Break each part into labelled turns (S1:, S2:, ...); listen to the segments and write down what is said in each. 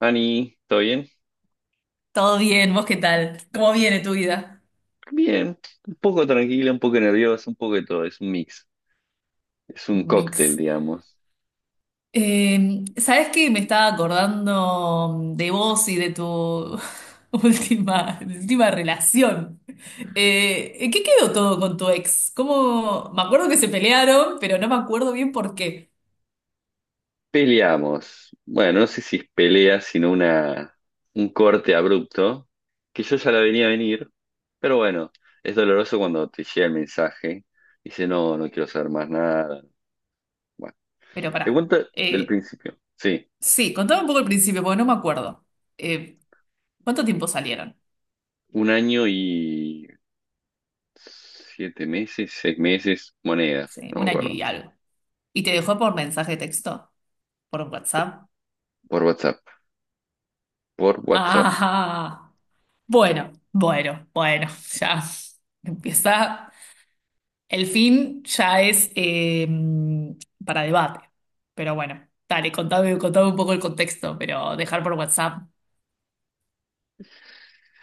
S1: Ani, ¿todo bien?
S2: Todo bien, ¿vos qué tal? ¿Cómo viene tu vida?
S1: Bien, un poco tranquila, un poco nerviosa, un poco de todo, es un mix, es un cóctel,
S2: Mix.
S1: digamos.
S2: ¿Sabés qué? Me estaba acordando de vos y de tu última, de tu última relación. ¿En qué quedó todo con tu ex? ¿Cómo? Me acuerdo que se pelearon, pero no me acuerdo bien por qué.
S1: Peleamos, bueno, no sé si es pelea, sino una, un corte abrupto, que yo ya la venía a venir, pero bueno, es doloroso cuando te llega el mensaje, dice, no, no quiero saber más nada. Bueno,
S2: Pero pará.
S1: te cuento del principio, sí,
S2: Sí, contame un poco el principio, porque no me acuerdo. Eh, ¿Cuánto tiempo salieron?
S1: un año y 7 meses, 6 meses, monedas,
S2: Sí,
S1: no me
S2: un año
S1: acuerdo,
S2: y algo. ¿Y te dejó por mensaje de texto? ¿Por WhatsApp?
S1: por WhatsApp, por WhatsApp.
S2: Ah. Bueno, bueno, bueno, ya empieza. El fin ya es para debate. Pero bueno, dale, contame, contame un poco el contexto, pero dejar por WhatsApp.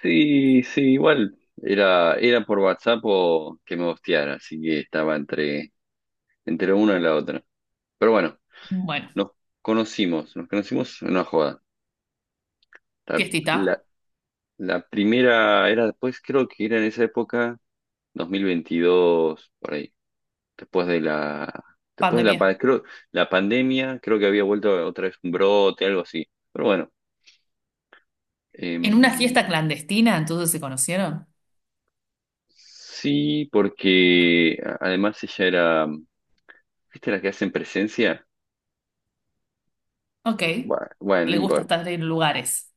S1: Sí, sí, igual era por WhatsApp o que me hostiara, así que estaba entre una y la otra. Pero bueno,
S2: Bueno,
S1: nos nos conocimos en una joda. La, la-
S2: fiestita,
S1: la primera era después, creo que era en esa época, 2022, por ahí, después de la, después de la,
S2: pandemia.
S1: pa- creo, la pandemia, creo que había vuelto otra vez un brote, algo así. Pero bueno.
S2: En una
S1: em,
S2: fiesta clandestina, entonces se conocieron.
S1: Sí, porque además ella era, ¿viste las que hacen presencia?
S2: Ok,
S1: Bueno, bueno, no
S2: le gusta
S1: importa.
S2: estar en lugares.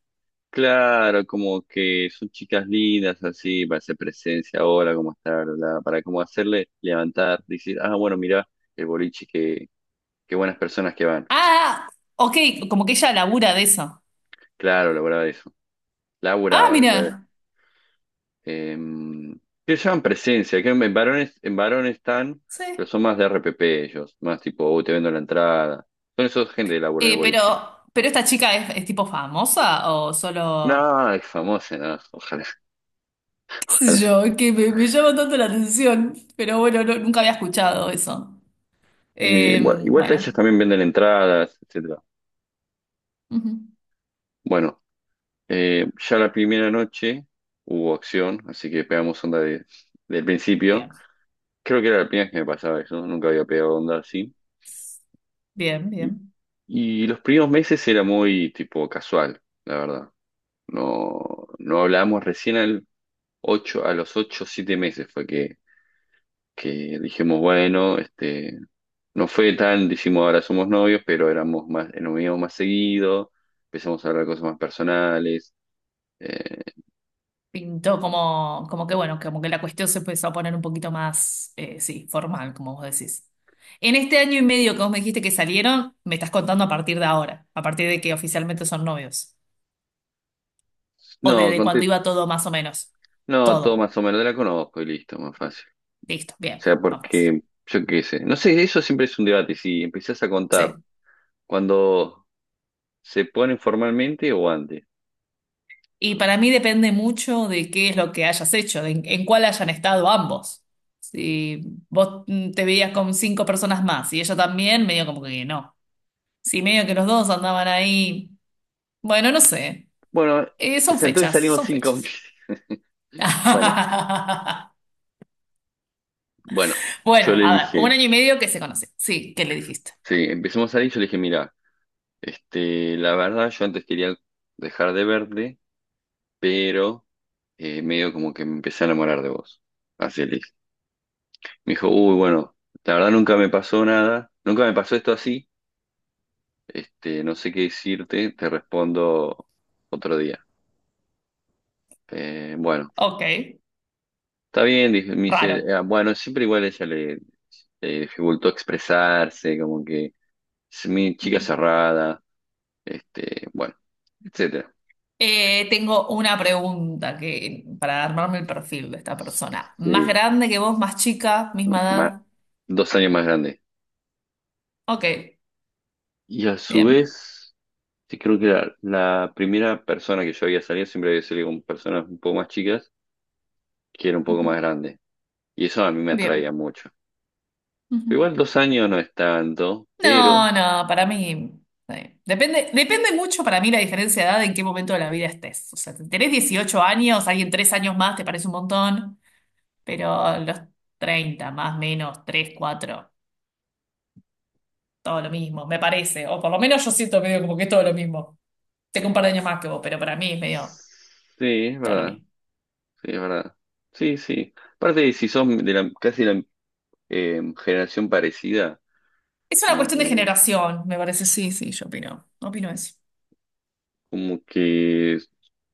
S1: Claro, como que son chicas lindas, así, para hacer presencia ahora, cómo estar, bla, bla, para como hacerle levantar, decir, ah, bueno, mirá el boliche, que, qué buenas personas que van.
S2: Ah, ok, como que ella labura de eso.
S1: Claro, laburaba eso.
S2: Ah,
S1: Laburaba después.
S2: mira,
S1: em, que se llaman presencia, que en varones, están, pero
S2: sí.
S1: son más de RPP ellos, más tipo, "Oh, te vendo la entrada." Son esos gente de laburo en el
S2: Eh, pero,
S1: boliche.
S2: pero esta chica es tipo famosa o solo.
S1: No, es famosa, no, ojalá,
S2: Qué sé
S1: ojalá.
S2: yo, que me llama tanto la atención, pero bueno, nunca había escuchado eso.
S1: Bueno, igual ellos
S2: Bueno,
S1: también venden entradas, etcétera.
S2: ujú,
S1: Bueno, ya la primera noche hubo acción, así que pegamos onda de, del principio.
S2: bien,
S1: Creo que era la primera vez que me pasaba eso, ¿no? Nunca había pegado onda así.
S2: bien,
S1: Y,
S2: bien.
S1: y los primeros meses era muy tipo casual, la verdad. No, no hablábamos recién al ocho, a los 8, o 7 meses fue que dijimos, bueno, este, no fue tan, dijimos, ahora somos novios, pero éramos más, nos veíamos más seguido, empezamos a hablar cosas más personales. eh,
S2: Pintó como que bueno, como que la cuestión se empezó a poner un poquito más, sí, formal, como vos decís. En este año y medio que vos me dijiste que salieron, me estás contando a partir de ahora, a partir de que oficialmente son novios, o
S1: no,
S2: desde cuando
S1: conté,
S2: iba todo más o menos.
S1: no, todo
S2: Todo.
S1: más o menos, la conozco y listo, más fácil.
S2: Listo,
S1: O
S2: bien,
S1: sea,
S2: más fácil.
S1: porque, yo qué sé, no sé, eso siempre es un debate, si empezás a contar
S2: Sí.
S1: cuando se ponen formalmente o antes.
S2: Y para mí depende mucho de qué es lo que hayas hecho, de en cuál hayan estado ambos. Si vos te veías con cinco personas más y ella también, medio como que no. Si medio que los dos andaban ahí, bueno, no sé.
S1: Bueno,
S2: Son
S1: entonces
S2: fechas,
S1: salimos
S2: son
S1: cinco
S2: fechas.
S1: meses. Bueno, bueno,
S2: Bueno,
S1: yo le
S2: a ver, un
S1: dije,
S2: año y medio que se conoce. Sí, ¿qué le dijiste?
S1: sí, empezamos a salir, yo le dije, mira, este, la verdad, yo antes quería dejar de verte, pero medio como que me empecé a enamorar de vos. Así le dije. Me dijo, uy, bueno, la verdad nunca me pasó nada, nunca me pasó esto así, este, no sé qué decirte, te respondo otro día. Bueno,
S2: Ok,
S1: está bien, dije, me dice,
S2: raro.
S1: "Ah, bueno, siempre igual ella le, dificultó expresarse, como que es mi chica cerrada, este, bueno, etcétera.
S2: Tengo una pregunta que, para armarme el perfil de esta persona. ¿Más
S1: Sí,
S2: grande que vos, más chica, misma
S1: más,
S2: edad?
S1: 2 años más grande.
S2: Ok.
S1: Y a su
S2: Bien.
S1: vez, sí creo que la primera persona que yo había salido siempre había salido con personas un poco más chicas, que era un poco
S2: Ujú.
S1: más grande. Y eso a mí me atraía
S2: Bien.
S1: mucho.
S2: Ujú.
S1: Igual 2 años no es tanto, pero
S2: No, no, para mí. Sí. Depende mucho para mí la diferencia de edad en qué momento de la vida estés. O sea, si tenés 18 años, alguien 3 años más te parece un montón, pero los 30 más, menos, 3 4 todo lo mismo, me parece. O por lo menos yo siento medio como que es todo lo mismo. Tengo un par de años más que vos, pero para mí es medio
S1: sí, es
S2: todo lo
S1: verdad,
S2: mismo.
S1: sí, es verdad. Sí, sí. Aparte, si son de la, casi la generación parecida,
S2: Es una
S1: como
S2: cuestión de
S1: que,
S2: generación, me parece. Sí, sí, yo opino. Opino eso.
S1: como que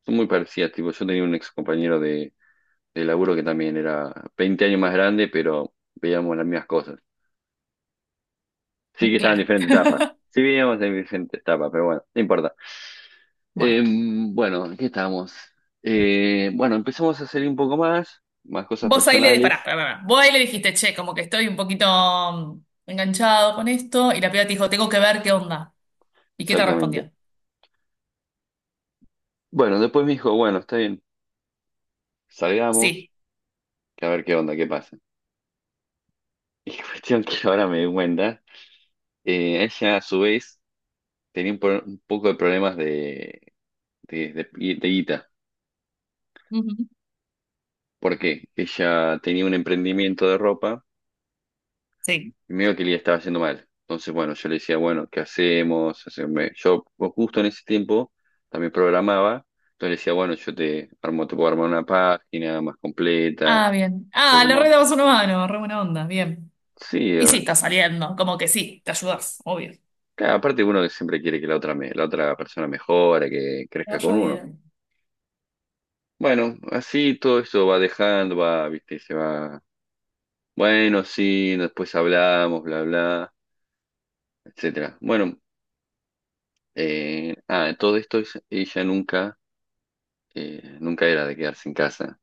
S1: son muy parecidas. Tipo, yo tenía un ex compañero de laburo que también era 20 años más grande, pero veíamos las mismas cosas. Sí que estaban en
S2: Claro.
S1: diferentes etapas. Sí veníamos en diferentes etapas, pero bueno, no importa.
S2: Bueno.
S1: Bueno, ¿en ¿qué estamos? Bueno, empezamos a salir un poco más, más cosas
S2: Vos ahí le disparás,
S1: personales.
S2: pará, pará, pará. Vos ahí le dijiste, che, como que estoy un poquito enganchado con esto, y la piba te dijo, tengo que ver qué onda. ¿Y qué te
S1: Exactamente.
S2: respondió?
S1: Bueno, después me dijo, bueno, está bien, salgamos,
S2: Sí,
S1: que a ver qué onda, qué pasa. Y cuestión que ahora me di cuenta, ella a su vez tenía un poco de problemas de, de, de guita.
S2: ujú.
S1: ¿Por qué? Ella tenía un emprendimiento de ropa,
S2: Sí.
S1: y medio que le estaba yendo mal. Entonces, bueno, yo le decía, bueno, ¿qué hacemos? Yo pues, justo en ese tiempo también programaba. Entonces le decía, bueno, yo te armo, te puedo armar una página más completa,
S2: Ah,
S1: un
S2: bien. Ah,
S1: poco
S2: le
S1: más.
S2: re dabas una mano, re buena onda, bien.
S1: Sí,
S2: Y sí, está saliendo, como que sí, te ayudas, obvio.
S1: claro, aparte uno que siempre quiere que la otra, la otra persona mejore, que
S2: Te
S1: crezca con
S2: vaya
S1: uno.
S2: bien.
S1: Bueno, así todo eso va dejando, va, viste, se va. Bueno, sí, después hablamos, bla, bla, etcétera. Bueno, todo esto ella nunca nunca era de quedarse en casa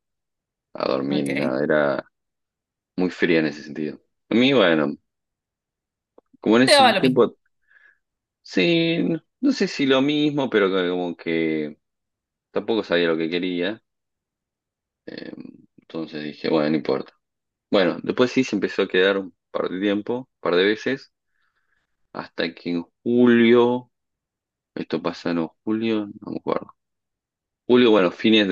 S1: a dormir ni
S2: Ok.
S1: nada, era muy fría en ese sentido. A mí, bueno, como en
S2: Te
S1: ese
S2: daba lo mismo.
S1: tiempo, sí, no, no sé si lo mismo, pero como que tampoco sabía lo que quería, eh, entonces dije, bueno, no importa. Bueno, después sí se empezó a quedar un par de tiempo, un par de veces, hasta que en julio, esto pasa, no, julio, no me acuerdo. Julio, bueno, fines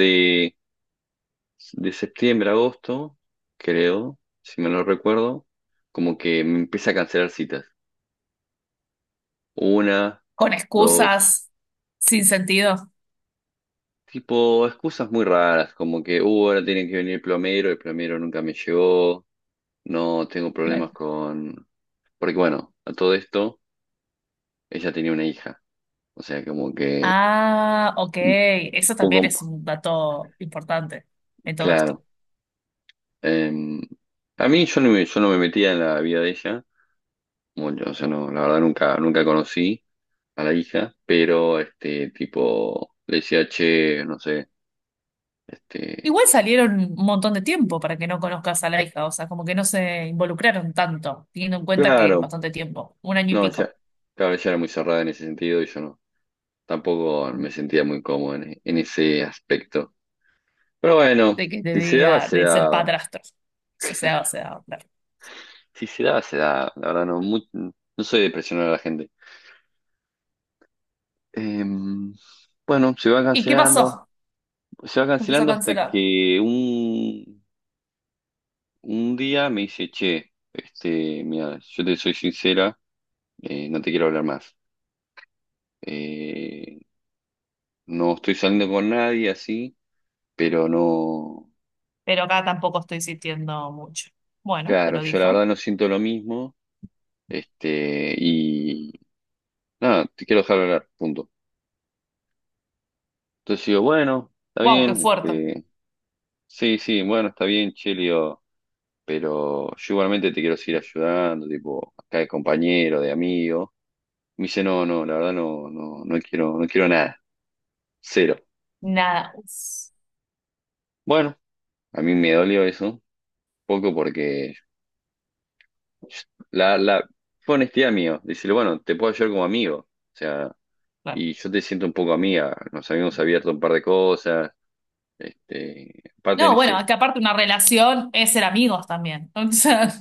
S1: de septiembre a agosto, creo, si me lo recuerdo, como que me empieza a cancelar citas. Una,
S2: Con
S1: dos,
S2: excusas, sin sentido.
S1: tipo excusas muy raras, como que, ahora tiene que venir el plomero nunca me llegó, no tengo
S2: Claro.
S1: problemas con... Porque bueno, a todo esto, ella tenía una hija, o sea, como que
S2: Ah, ok.
S1: un
S2: Eso también
S1: poco,
S2: es un dato importante en todo
S1: claro.
S2: esto.
S1: em, a mí yo no me metía en la vida de ella, mucho, o sea, no, la verdad nunca, nunca conocí a la hija, pero este tipo le decía, che, no sé, este,
S2: Igual salieron un montón de tiempo para que no conozcas a la hija, o sea, como que no se involucraron tanto, teniendo en cuenta que es
S1: claro,
S2: bastante tiempo, un año y
S1: no,
S2: pico,
S1: ya, claro, ella era muy cerrada en ese sentido y yo no, tampoco me sentía muy cómodo en ese aspecto. Pero bueno,
S2: de que te
S1: si se daba,
S2: diga
S1: se
S2: de ser
S1: daba.
S2: padrastro. Si se daba, se daba, claro.
S1: Si se daba, se daba. La verdad, no, no soy de presionar a la gente. Em, bueno,
S2: ¿Y qué pasó?
S1: se va
S2: Empezó a
S1: cancelando hasta
S2: cancelar.
S1: que un día me dice, che, este, mira, yo te soy sincera, no te quiero hablar más. Eh, no estoy saliendo con nadie así, pero no,
S2: Pero acá tampoco estoy sintiendo mucho. Bueno, te
S1: claro,
S2: lo
S1: yo la
S2: dijo.
S1: verdad no siento lo mismo, este, y nada, te quiero dejar hablar, punto. Entonces digo, bueno, está
S2: Wow, qué
S1: bien,
S2: fuerte.
S1: este, sí, sí, bueno, está bien, che, le digo, pero yo igualmente te quiero seguir ayudando, tipo, acá de compañero, de amigo. Me dice, no, no, la verdad no, no, no quiero, no quiero nada, cero.
S2: Nada. Uf,
S1: Bueno, a mí me dolió eso, poco porque la fue honestidad mío. Decirle, bueno, te puedo ayudar como amigo. O sea,
S2: claro.
S1: y yo te siento un poco amiga. Nos habíamos abierto un par de cosas. Este, aparte en
S2: No, bueno,
S1: ese,
S2: es que aparte una relación es ser amigos también. O sea,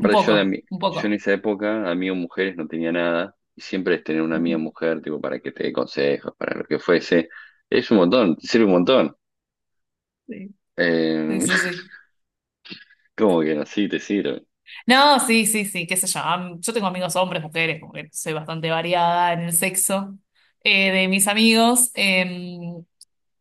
S2: un
S1: yo
S2: poco, un
S1: yo en
S2: poco.
S1: esa época, amigo mujeres no tenía nada. Y siempre es tener una
S2: Ujú.
S1: amiga mujer, tipo, para que te dé consejos, para lo que fuese. Es un montón, te sirve un montón.
S2: Sí, sí,
S1: Eh,
S2: sí, sí.
S1: Como que no, sí, te sirve.
S2: No, sí, sí, sí, qué sé yo. Yo tengo amigos hombres, mujeres, como que soy bastante variada en el sexo de mis amigos.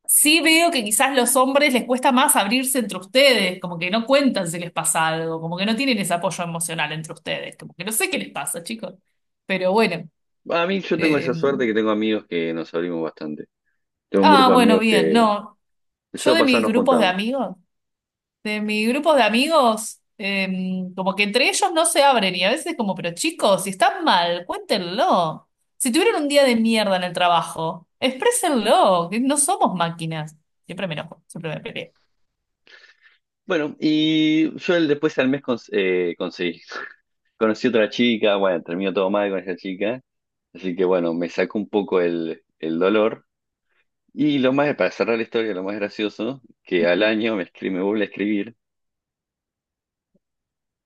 S2: Sí veo que quizás los hombres les cuesta más abrirse entre ustedes, como que no cuentan si les pasa algo, como que no tienen ese apoyo emocional entre ustedes, como que no sé qué les pasa, chicos. Pero bueno.
S1: Bueno, a mí yo tengo esa suerte
S2: em,
S1: que tengo amigos que nos abrimos bastante. Tengo un
S2: ah,
S1: grupo de
S2: bueno,
S1: amigos
S2: bien,
S1: que
S2: no.
S1: el
S2: Yo de
S1: sábado pasado
S2: mis
S1: nos
S2: grupos de
S1: juntamos.
S2: amigos. De mi grupo de amigos, como que entre ellos no se abren y a veces como, pero chicos, si están mal, cuéntenlo. Si tuvieron un día de mierda en el trabajo, exprésenlo, que no somos máquinas. Siempre me enojo, siempre me peleo.
S1: Bueno, y yo después al mes conseguí, conocí otra chica, bueno, terminó todo mal con esa chica, así que bueno, me sacó un poco el dolor. Y lo más, para cerrar la historia, lo más gracioso, que al año me vuelve a escribir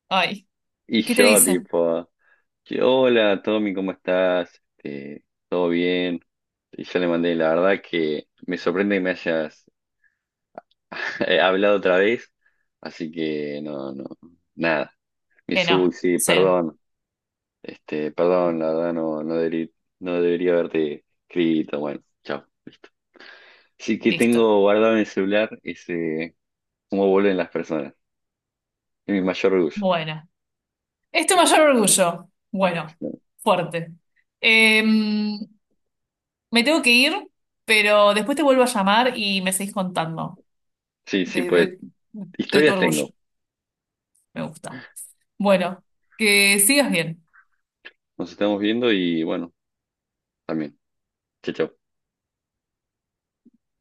S2: Ay,
S1: y
S2: ¿y qué te
S1: yo
S2: dice?
S1: tipo, que, hola Tommy, ¿cómo estás? Este, ¿todo bien? Y yo le mandé, la verdad que me sorprende que me hayas hablado otra vez, así que no, no, nada. Me
S2: Que
S1: dice,
S2: no,
S1: "Uy, sí,
S2: cero,
S1: perdón. Este, perdón, la verdad no, no debería haberte escrito. Bueno, chao. Sí que
S2: listo.
S1: tengo guardado en el celular ese cómo vuelven las personas. Es mi mayor orgullo.
S2: Bueno, es tu mayor orgullo. Bueno, fuerte. Em, me tengo que ir, pero después te vuelvo a llamar y me seguís contando
S1: Sí, sí,
S2: de,
S1: pues
S2: de tu
S1: historias
S2: orgullo.
S1: tengo.
S2: Me gusta. Bueno, que sigas bien.
S1: Nos estamos viendo y bueno, también. Chao, chao.